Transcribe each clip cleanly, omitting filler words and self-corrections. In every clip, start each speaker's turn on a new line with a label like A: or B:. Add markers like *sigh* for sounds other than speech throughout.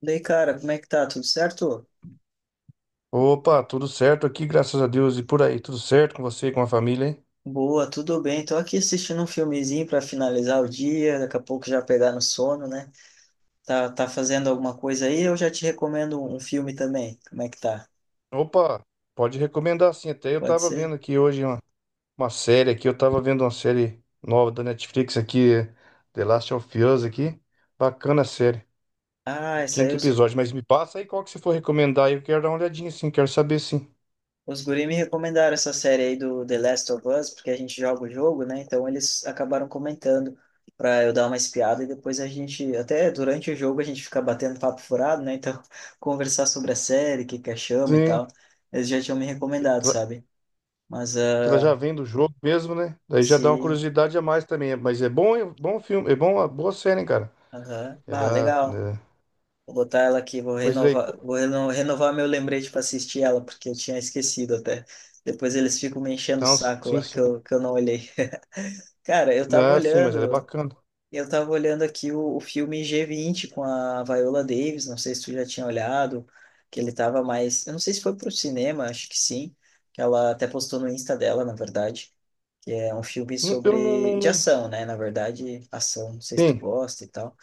A: Daí, cara, como é que tá? Tudo certo?
B: Opa, tudo certo aqui, graças a Deus. E por aí, tudo certo com você, e com a família, hein?
A: Boa, tudo bem. Tô aqui assistindo um filmezinho pra finalizar o dia, daqui a pouco já pegar no sono, né? Tá, fazendo alguma coisa aí? Eu já te recomendo um filme também. Como é que tá?
B: Opa, pode recomendar sim. Até eu
A: Pode
B: tava
A: ser?
B: vendo aqui hoje uma série aqui, eu tava vendo uma série nova da Netflix aqui, The Last of Us aqui. Bacana a série,
A: Ah, essa aí
B: quinto
A: os,
B: episódio. Mas me passa aí qual que você for recomendar aí, eu quero dar uma olhadinha sim, quero saber sim.
A: os guri me recomendaram essa série aí do The Last of Us, porque a gente joga o jogo, né? Então eles acabaram comentando pra eu dar uma espiada e depois a gente, até durante o jogo a gente fica batendo papo furado, né? Então *laughs* conversar sobre a série, o que que achamos e
B: Sim,
A: tal. Eles já tinham me recomendado,
B: ela,
A: sabe? Mas
B: que ela
A: ah,
B: já vem do jogo mesmo, né? Daí já dá uma
A: sim.
B: curiosidade a mais também. Mas é bom filme, é bom, uma boa série, hein, cara?
A: Aham. Ah,
B: Ela,
A: legal.
B: é...
A: Vou botar ela aqui, vou
B: Mas daí,
A: renovar, renovar meu lembrete para assistir ela, porque eu tinha esquecido até. Depois eles ficam me enchendo o
B: então,
A: saco
B: sim,
A: lá, que
B: sim.
A: eu, que eu não olhei. *laughs* Cara,
B: Ah, sim, mas ela é bacana.
A: eu tava olhando aqui o filme g vinte com a Viola Davis, não sei se tu já tinha olhado, que ele tava mais, eu não sei se foi pro cinema, acho que sim, que ela até postou no Insta dela, na verdade, que é um filme
B: Não- Eu não,
A: sobre,
B: não,
A: de
B: não-
A: ação, né, na verdade, ação, não sei se tu
B: Sim,
A: gosta e tal.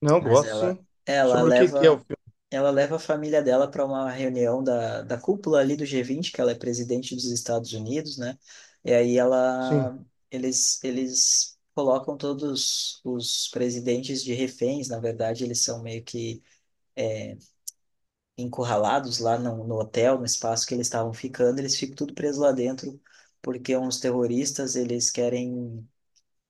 B: não,
A: Mas
B: gosto,
A: ela,
B: sim.
A: ela
B: Sobre o que que é o
A: leva,
B: filme?
A: Ela leva a família dela para uma reunião da cúpula ali do G20, que ela é presidente dos Estados Unidos, né? E aí
B: Sim,
A: ela, eles colocam todos os presidentes de reféns, na verdade, eles são meio que encurralados lá no hotel, no espaço que eles estavam ficando, eles ficam tudo presos lá dentro, porque uns terroristas, eles querem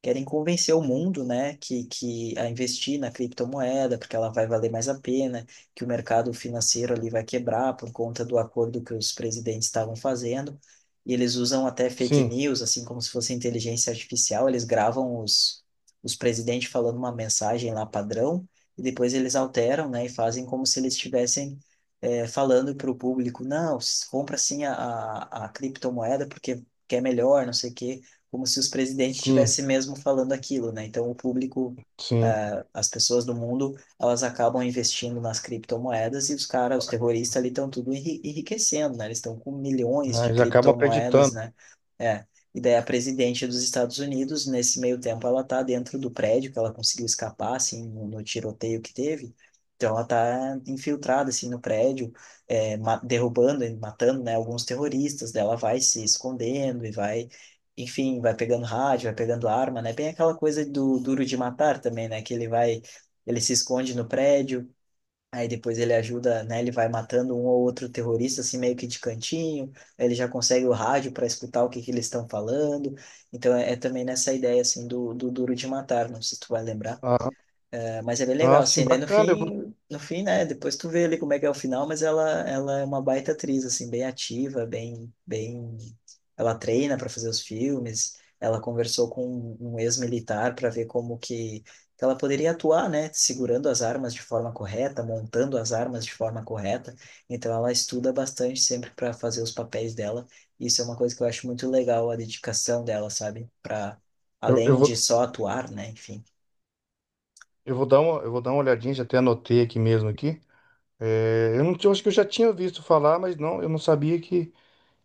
A: querem convencer o mundo, né, que a investir na criptomoeda, porque ela vai valer mais a pena, que o mercado financeiro ali vai quebrar por conta do acordo que os presidentes estavam fazendo. E eles usam até fake
B: sim,
A: news, assim como se fosse inteligência artificial, os presidentes falando uma mensagem lá padrão, e depois eles alteram, né, e fazem como se eles estivessem falando para o público, não, compra sim a criptomoeda porque que é melhor, não sei o quê como se os presidentes
B: sim,
A: estivessem mesmo falando aquilo, né? Então,
B: sim.
A: as pessoas do mundo, elas acabam investindo nas criptomoedas e os caras, os terroristas ali estão tudo enriquecendo, né? Eles estão com milhões
B: Ah,
A: de
B: eles acabam
A: criptomoedas,
B: acreditando.
A: né? É. E daí a presidente dos Estados Unidos, nesse meio tempo, ela tá dentro do prédio, que ela conseguiu escapar, assim, no tiroteio que teve. Então, ela tá infiltrada, assim, no prédio, é, derrubando, e matando, né, alguns terroristas. Daí ela vai se escondendo e vai enfim, vai pegando rádio, vai pegando arma, né? Bem aquela coisa do Duro de Matar também, né? Que ele vai, ele se esconde no prédio, aí depois ele ajuda, né? Ele vai matando um ou outro terrorista, assim, meio que de cantinho, aí ele já consegue o rádio para escutar o que que eles estão falando. Então é também nessa ideia, assim, do Duro de Matar, não sei se tu vai lembrar.
B: Ah,
A: É, mas é bem legal,
B: ah, sim,
A: assim, daí no
B: bacana.
A: fim, no fim, né, depois tu vê ali como é que é o final, mas ela é uma baita atriz, assim, bem ativa, ela treina para fazer os filmes, ela conversou com um ex-militar para ver como que ela poderia atuar, né, segurando as armas de forma correta, montando as armas de forma correta, então ela estuda bastante sempre para fazer os papéis dela, isso é uma coisa que eu acho muito legal, a dedicação dela, sabe, para
B: Eu, eu
A: além
B: vou,
A: de só atuar, né, enfim.
B: eu vou dar uma, eu vou dar uma olhadinha, já até anotei aqui mesmo aqui. É, eu não, tinha- Eu acho que eu já tinha visto falar, mas não, eu não sabia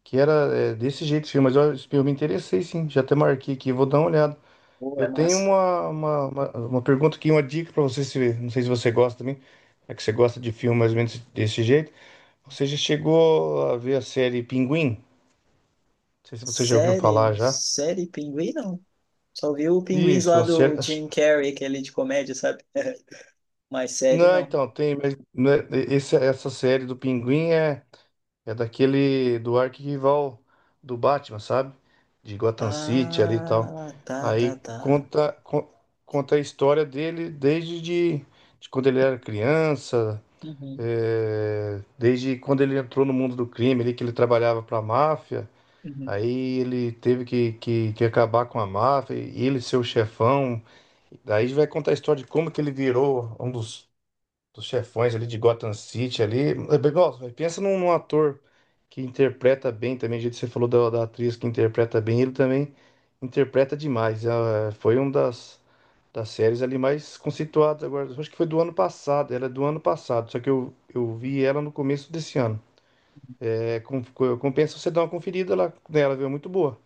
B: que era, é, desse jeito o filme. Mas eu me interessei, sim. Já até marquei aqui, vou dar uma olhada.
A: Pô, é
B: Eu tenho
A: massa.
B: uma pergunta aqui, uma dica para você, se, não sei se você gosta também, é que você gosta de filme mais ou menos desse jeito. Você já chegou a ver a série Pinguim? Não sei se você já ouviu
A: Série,
B: falar já.
A: série Pinguim, não. Só vi o Pinguins
B: Isso,
A: lá
B: a série...
A: do Jim Carrey, aquele de comédia, sabe? *laughs* Mas série,
B: Não,
A: não.
B: então, tem, mas não é- esse- Essa série do Pinguim é, é daquele, do arquirrival do Batman, sabe? De Gotham City ali e tal.
A: Ah, tá, tá,
B: Aí
A: tá.
B: conta, con- Conta a história dele desde de quando ele era criança.
A: Uhum,
B: É, desde quando ele entrou no mundo do crime, ali que ele trabalhava para a máfia,
A: uhum.
B: aí ele teve que, que acabar com a máfia, e ele ser o chefão. Daí vai contar a história de como que ele virou um dos chefões ali de Gotham City ali. É, eh, igual, é, pensa num ator que interpreta bem também, do jeito que você falou da, da atriz que interpreta bem, ele também interpreta demais. Ah, foi uma das, das séries ali mais conceituadas agora. Acho que foi do ano passado, ela é do ano passado, só que eu vi ela no começo desse ano. É, compensa você dar uma conferida lá nela, viu? É muito boa.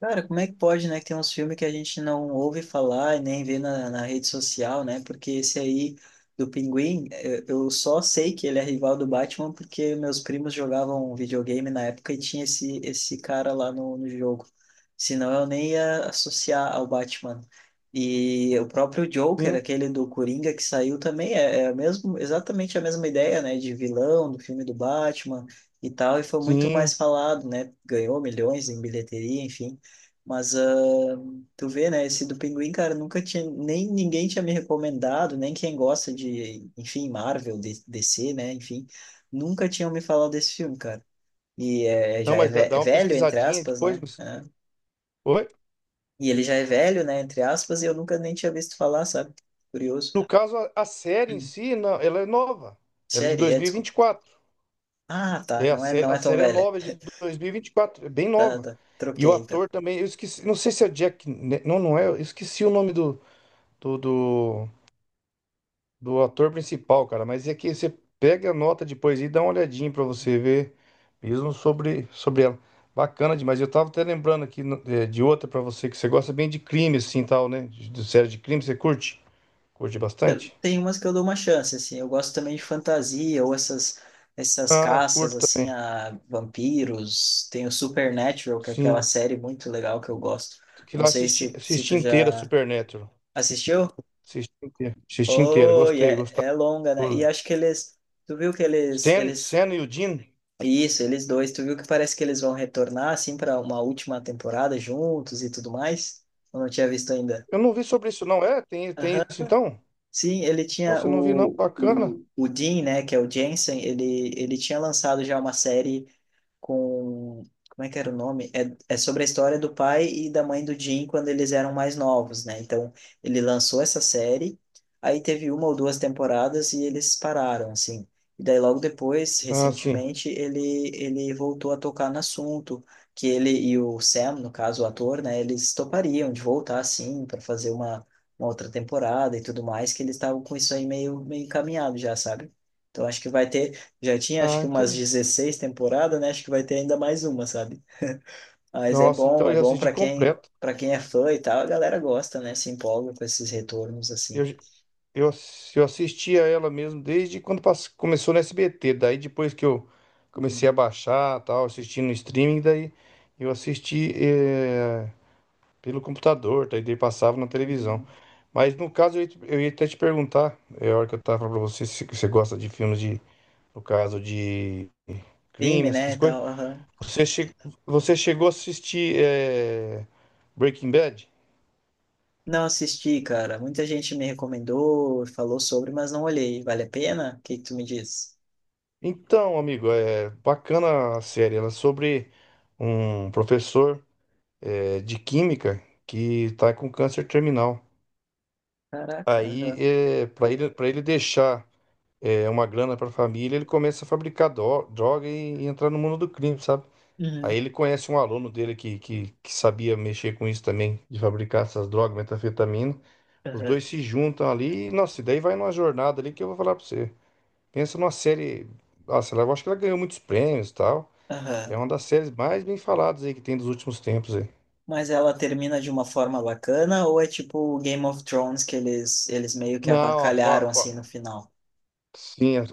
A: Cara, como é que pode, né, que tem uns filmes que a gente não ouve falar e nem vê na rede social, né? Porque esse aí do Pinguim, eu só sei que ele é rival do Batman porque meus primos jogavam videogame na época e tinha esse cara lá no jogo. Senão eu nem ia associar ao Batman. E o próprio Joker,
B: Sim,
A: aquele do Coringa que saiu também, é a mesmo, exatamente a mesma ideia, né? De vilão do filme do Batman e tal, e foi muito
B: sim.
A: mais falado, né? Ganhou milhões em bilheteria, enfim. Mas tu vê, né? Esse do Pinguim, cara, nunca tinha. Nem ninguém tinha me recomendado, nem quem gosta de, enfim, Marvel, DC, né? Enfim, nunca tinham me falado desse filme, cara. E
B: Então,
A: já é
B: mas dá, dá uma
A: velho, entre
B: pesquisadinha
A: aspas, né?
B: depois.
A: É.
B: Oi?
A: E ele já é velho, né? Entre aspas, e eu nunca nem tinha visto falar, sabe? Curioso.
B: No caso, a série em si, não, ela é nova. Ela é de
A: Série, é, desculpa.
B: 2024.
A: Ah, tá.
B: É, a série,
A: Não
B: a
A: é tão
B: série é
A: velha.
B: nova, é de 2024. É bem
A: Tá,
B: nova.
A: tá.
B: E o
A: Troquei, então.
B: ator também, eu esqueci, não sei se é o Jack. Não, não é. Eu esqueci o nome do, do, do ator principal, cara. Mas é que você pega a nota depois e dá uma olhadinha pra você ver mesmo sobre, sobre ela. Bacana demais. Eu tava até lembrando aqui é, de outra pra você, que você gosta bem de crime, assim, tal, né? De série de crime, você curte? Curte bastante?
A: Tem umas que eu dou uma chance, assim. Eu gosto também de fantasia ou essas
B: Ah,
A: caças
B: curto
A: assim
B: também.
A: a vampiros. Tem o Supernatural, que é aquela
B: Sim.
A: série muito legal que eu gosto.
B: Que
A: Não
B: lá eu
A: sei
B: assisti,
A: se
B: assisti
A: tu
B: inteira
A: já
B: Supernatural.
A: assistiu?
B: Assisti inteira. Assisti inteira.
A: Oh, e
B: Gostei,
A: é
B: gostava.
A: longa, né? E acho que eles tu viu que eles
B: Sen,
A: eles
B: Sen e o Dean.
A: isso, eles dois, tu viu que parece que eles vão retornar assim para uma última temporada juntos e tudo mais? Eu não tinha visto ainda.
B: Eu não vi sobre isso, não. É? Tem, tem isso então?
A: Sim, ele tinha
B: Nossa, eu não vi, não.
A: o,
B: Bacana.
A: o, o Dean, né, que é o Jensen, ele tinha lançado já uma série com. Como é que era o nome? É sobre a história do pai e da mãe do Jim quando eles eram mais novos, né? Então, ele lançou essa série, aí teve uma ou duas temporadas e eles pararam, assim. E daí, logo depois,
B: Ah, sim.
A: recentemente, ele voltou a tocar no assunto, que ele e o Sam, no caso, o ator, né? Eles topariam de voltar, assim, para fazer uma outra temporada e tudo mais, que eles estavam com isso aí meio encaminhado já, sabe? Então, acho que vai ter. Já tinha acho
B: Ah,
A: que umas
B: entendi.
A: 16 temporadas, né? Acho que vai ter ainda mais uma, sabe? *laughs* Mas
B: Nossa, então eu
A: é
B: já
A: bom
B: assisti completo.
A: para quem é fã e tal, a galera gosta, né? Se empolga com esses retornos assim.
B: Eu, eu assisti a ela mesmo desde quando começou no SBT. Daí depois que eu comecei a
A: Uhum,
B: baixar, tal, assistindo no streaming, daí eu assisti. Eh, pelo computador, daí passava na televisão.
A: uhum.
B: Mas no caso, eu ia até te perguntar, é a hora que eu tava falando pra você, se você gosta de filmes de, no caso de crime,
A: Filme, né,
B: essas
A: e
B: coisas.
A: tal. Aham.
B: Você, che, Você chegou a assistir é, Breaking Bad?
A: Não assisti, cara. Muita gente me recomendou, falou sobre, mas não olhei. Vale a pena? O que que tu me diz?
B: Então, amigo, é bacana a série. Ela é sobre um professor é, de química que tá com câncer terminal.
A: Caraca,
B: Aí,
A: aham.
B: é, para ele deixar é, uma grana para a família, ele começa a fabricar droga e entrar no mundo do crime, sabe? Aí
A: Uhum,
B: ele conhece um aluno dele que, que sabia mexer com isso também, de fabricar essas drogas, metanfetamina. Os
A: aham,
B: dois se juntam ali e, nossa, e daí vai numa jornada ali que eu vou falar pra você. Pensa numa série. Nossa, eu acho que ela ganhou muitos prêmios e tal.
A: aham.
B: É uma das séries mais bem faladas aí que tem dos últimos tempos aí.
A: Mas ela termina de uma forma bacana ou é tipo o Game of Thrones que eles meio que
B: Não, a fa-
A: avacalharam
B: fa-
A: assim no final?
B: Sim, é,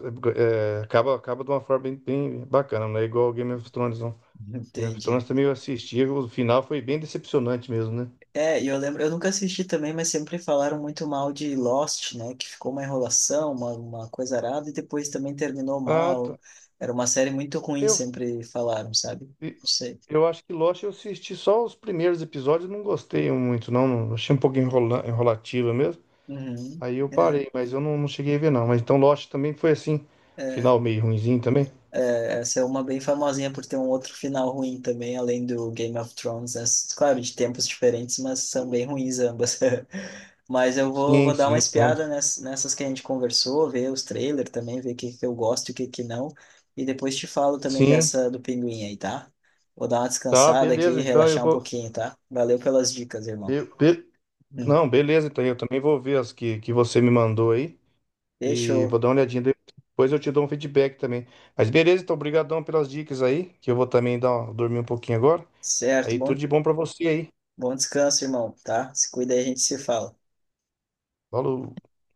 B: é, acaba, acaba de uma forma bem, bem bacana, não é igual ao Game of Thrones, não.
A: *laughs*
B: Game of
A: Entendi.
B: Thrones também eu assisti, o final foi bem decepcionante mesmo, né?
A: É, e eu lembro, eu nunca assisti também, mas sempre falaram muito mal de Lost, né? Que ficou uma enrolação, uma coisa arada, e depois também terminou
B: Ah,
A: mal.
B: tá.
A: Era uma série muito ruim,
B: Eu,
A: sempre falaram, sabe? Não sei.
B: eu acho que Lost eu assisti só os primeiros episódios, não gostei muito, não. Achei um pouco enrola, enrolativa mesmo.
A: Uhum.
B: Aí eu
A: É,
B: parei, mas eu não, não cheguei a ver, não. Mas então Lost também foi assim,
A: é.
B: final meio ruinzinho também.
A: Essa é uma bem famosinha por ter um outro final ruim também, além do Game of Thrones, né? Claro, de tempos diferentes, mas são bem ruins ambas. *laughs* Mas
B: Sim,
A: vou dar
B: sim,
A: uma espiada
B: entendo.
A: nessas que a gente conversou, ver os trailers também, ver o que, que eu gosto e o que, que não. E depois te falo também
B: Sim,
A: dessa do Pinguim aí, tá? Vou dar uma
B: tá,
A: descansada aqui,
B: beleza. Então eu
A: relaxar um
B: vou.
A: pouquinho, tá? Valeu pelas dicas, irmão.
B: Eu- be-
A: Hum.
B: não, Beleza, então eu também vou ver as que você me mandou aí. E vou
A: Fechou.
B: dar uma olhadinha. Depois eu te dou um feedback também. Mas beleza, então, obrigadão pelas dicas aí, que eu vou também dar, dormir um pouquinho agora.
A: Certo,
B: Aí
A: bom,
B: tudo de bom pra você aí.
A: bom descanso, irmão, tá? Se cuida aí, a gente se fala.
B: Falou.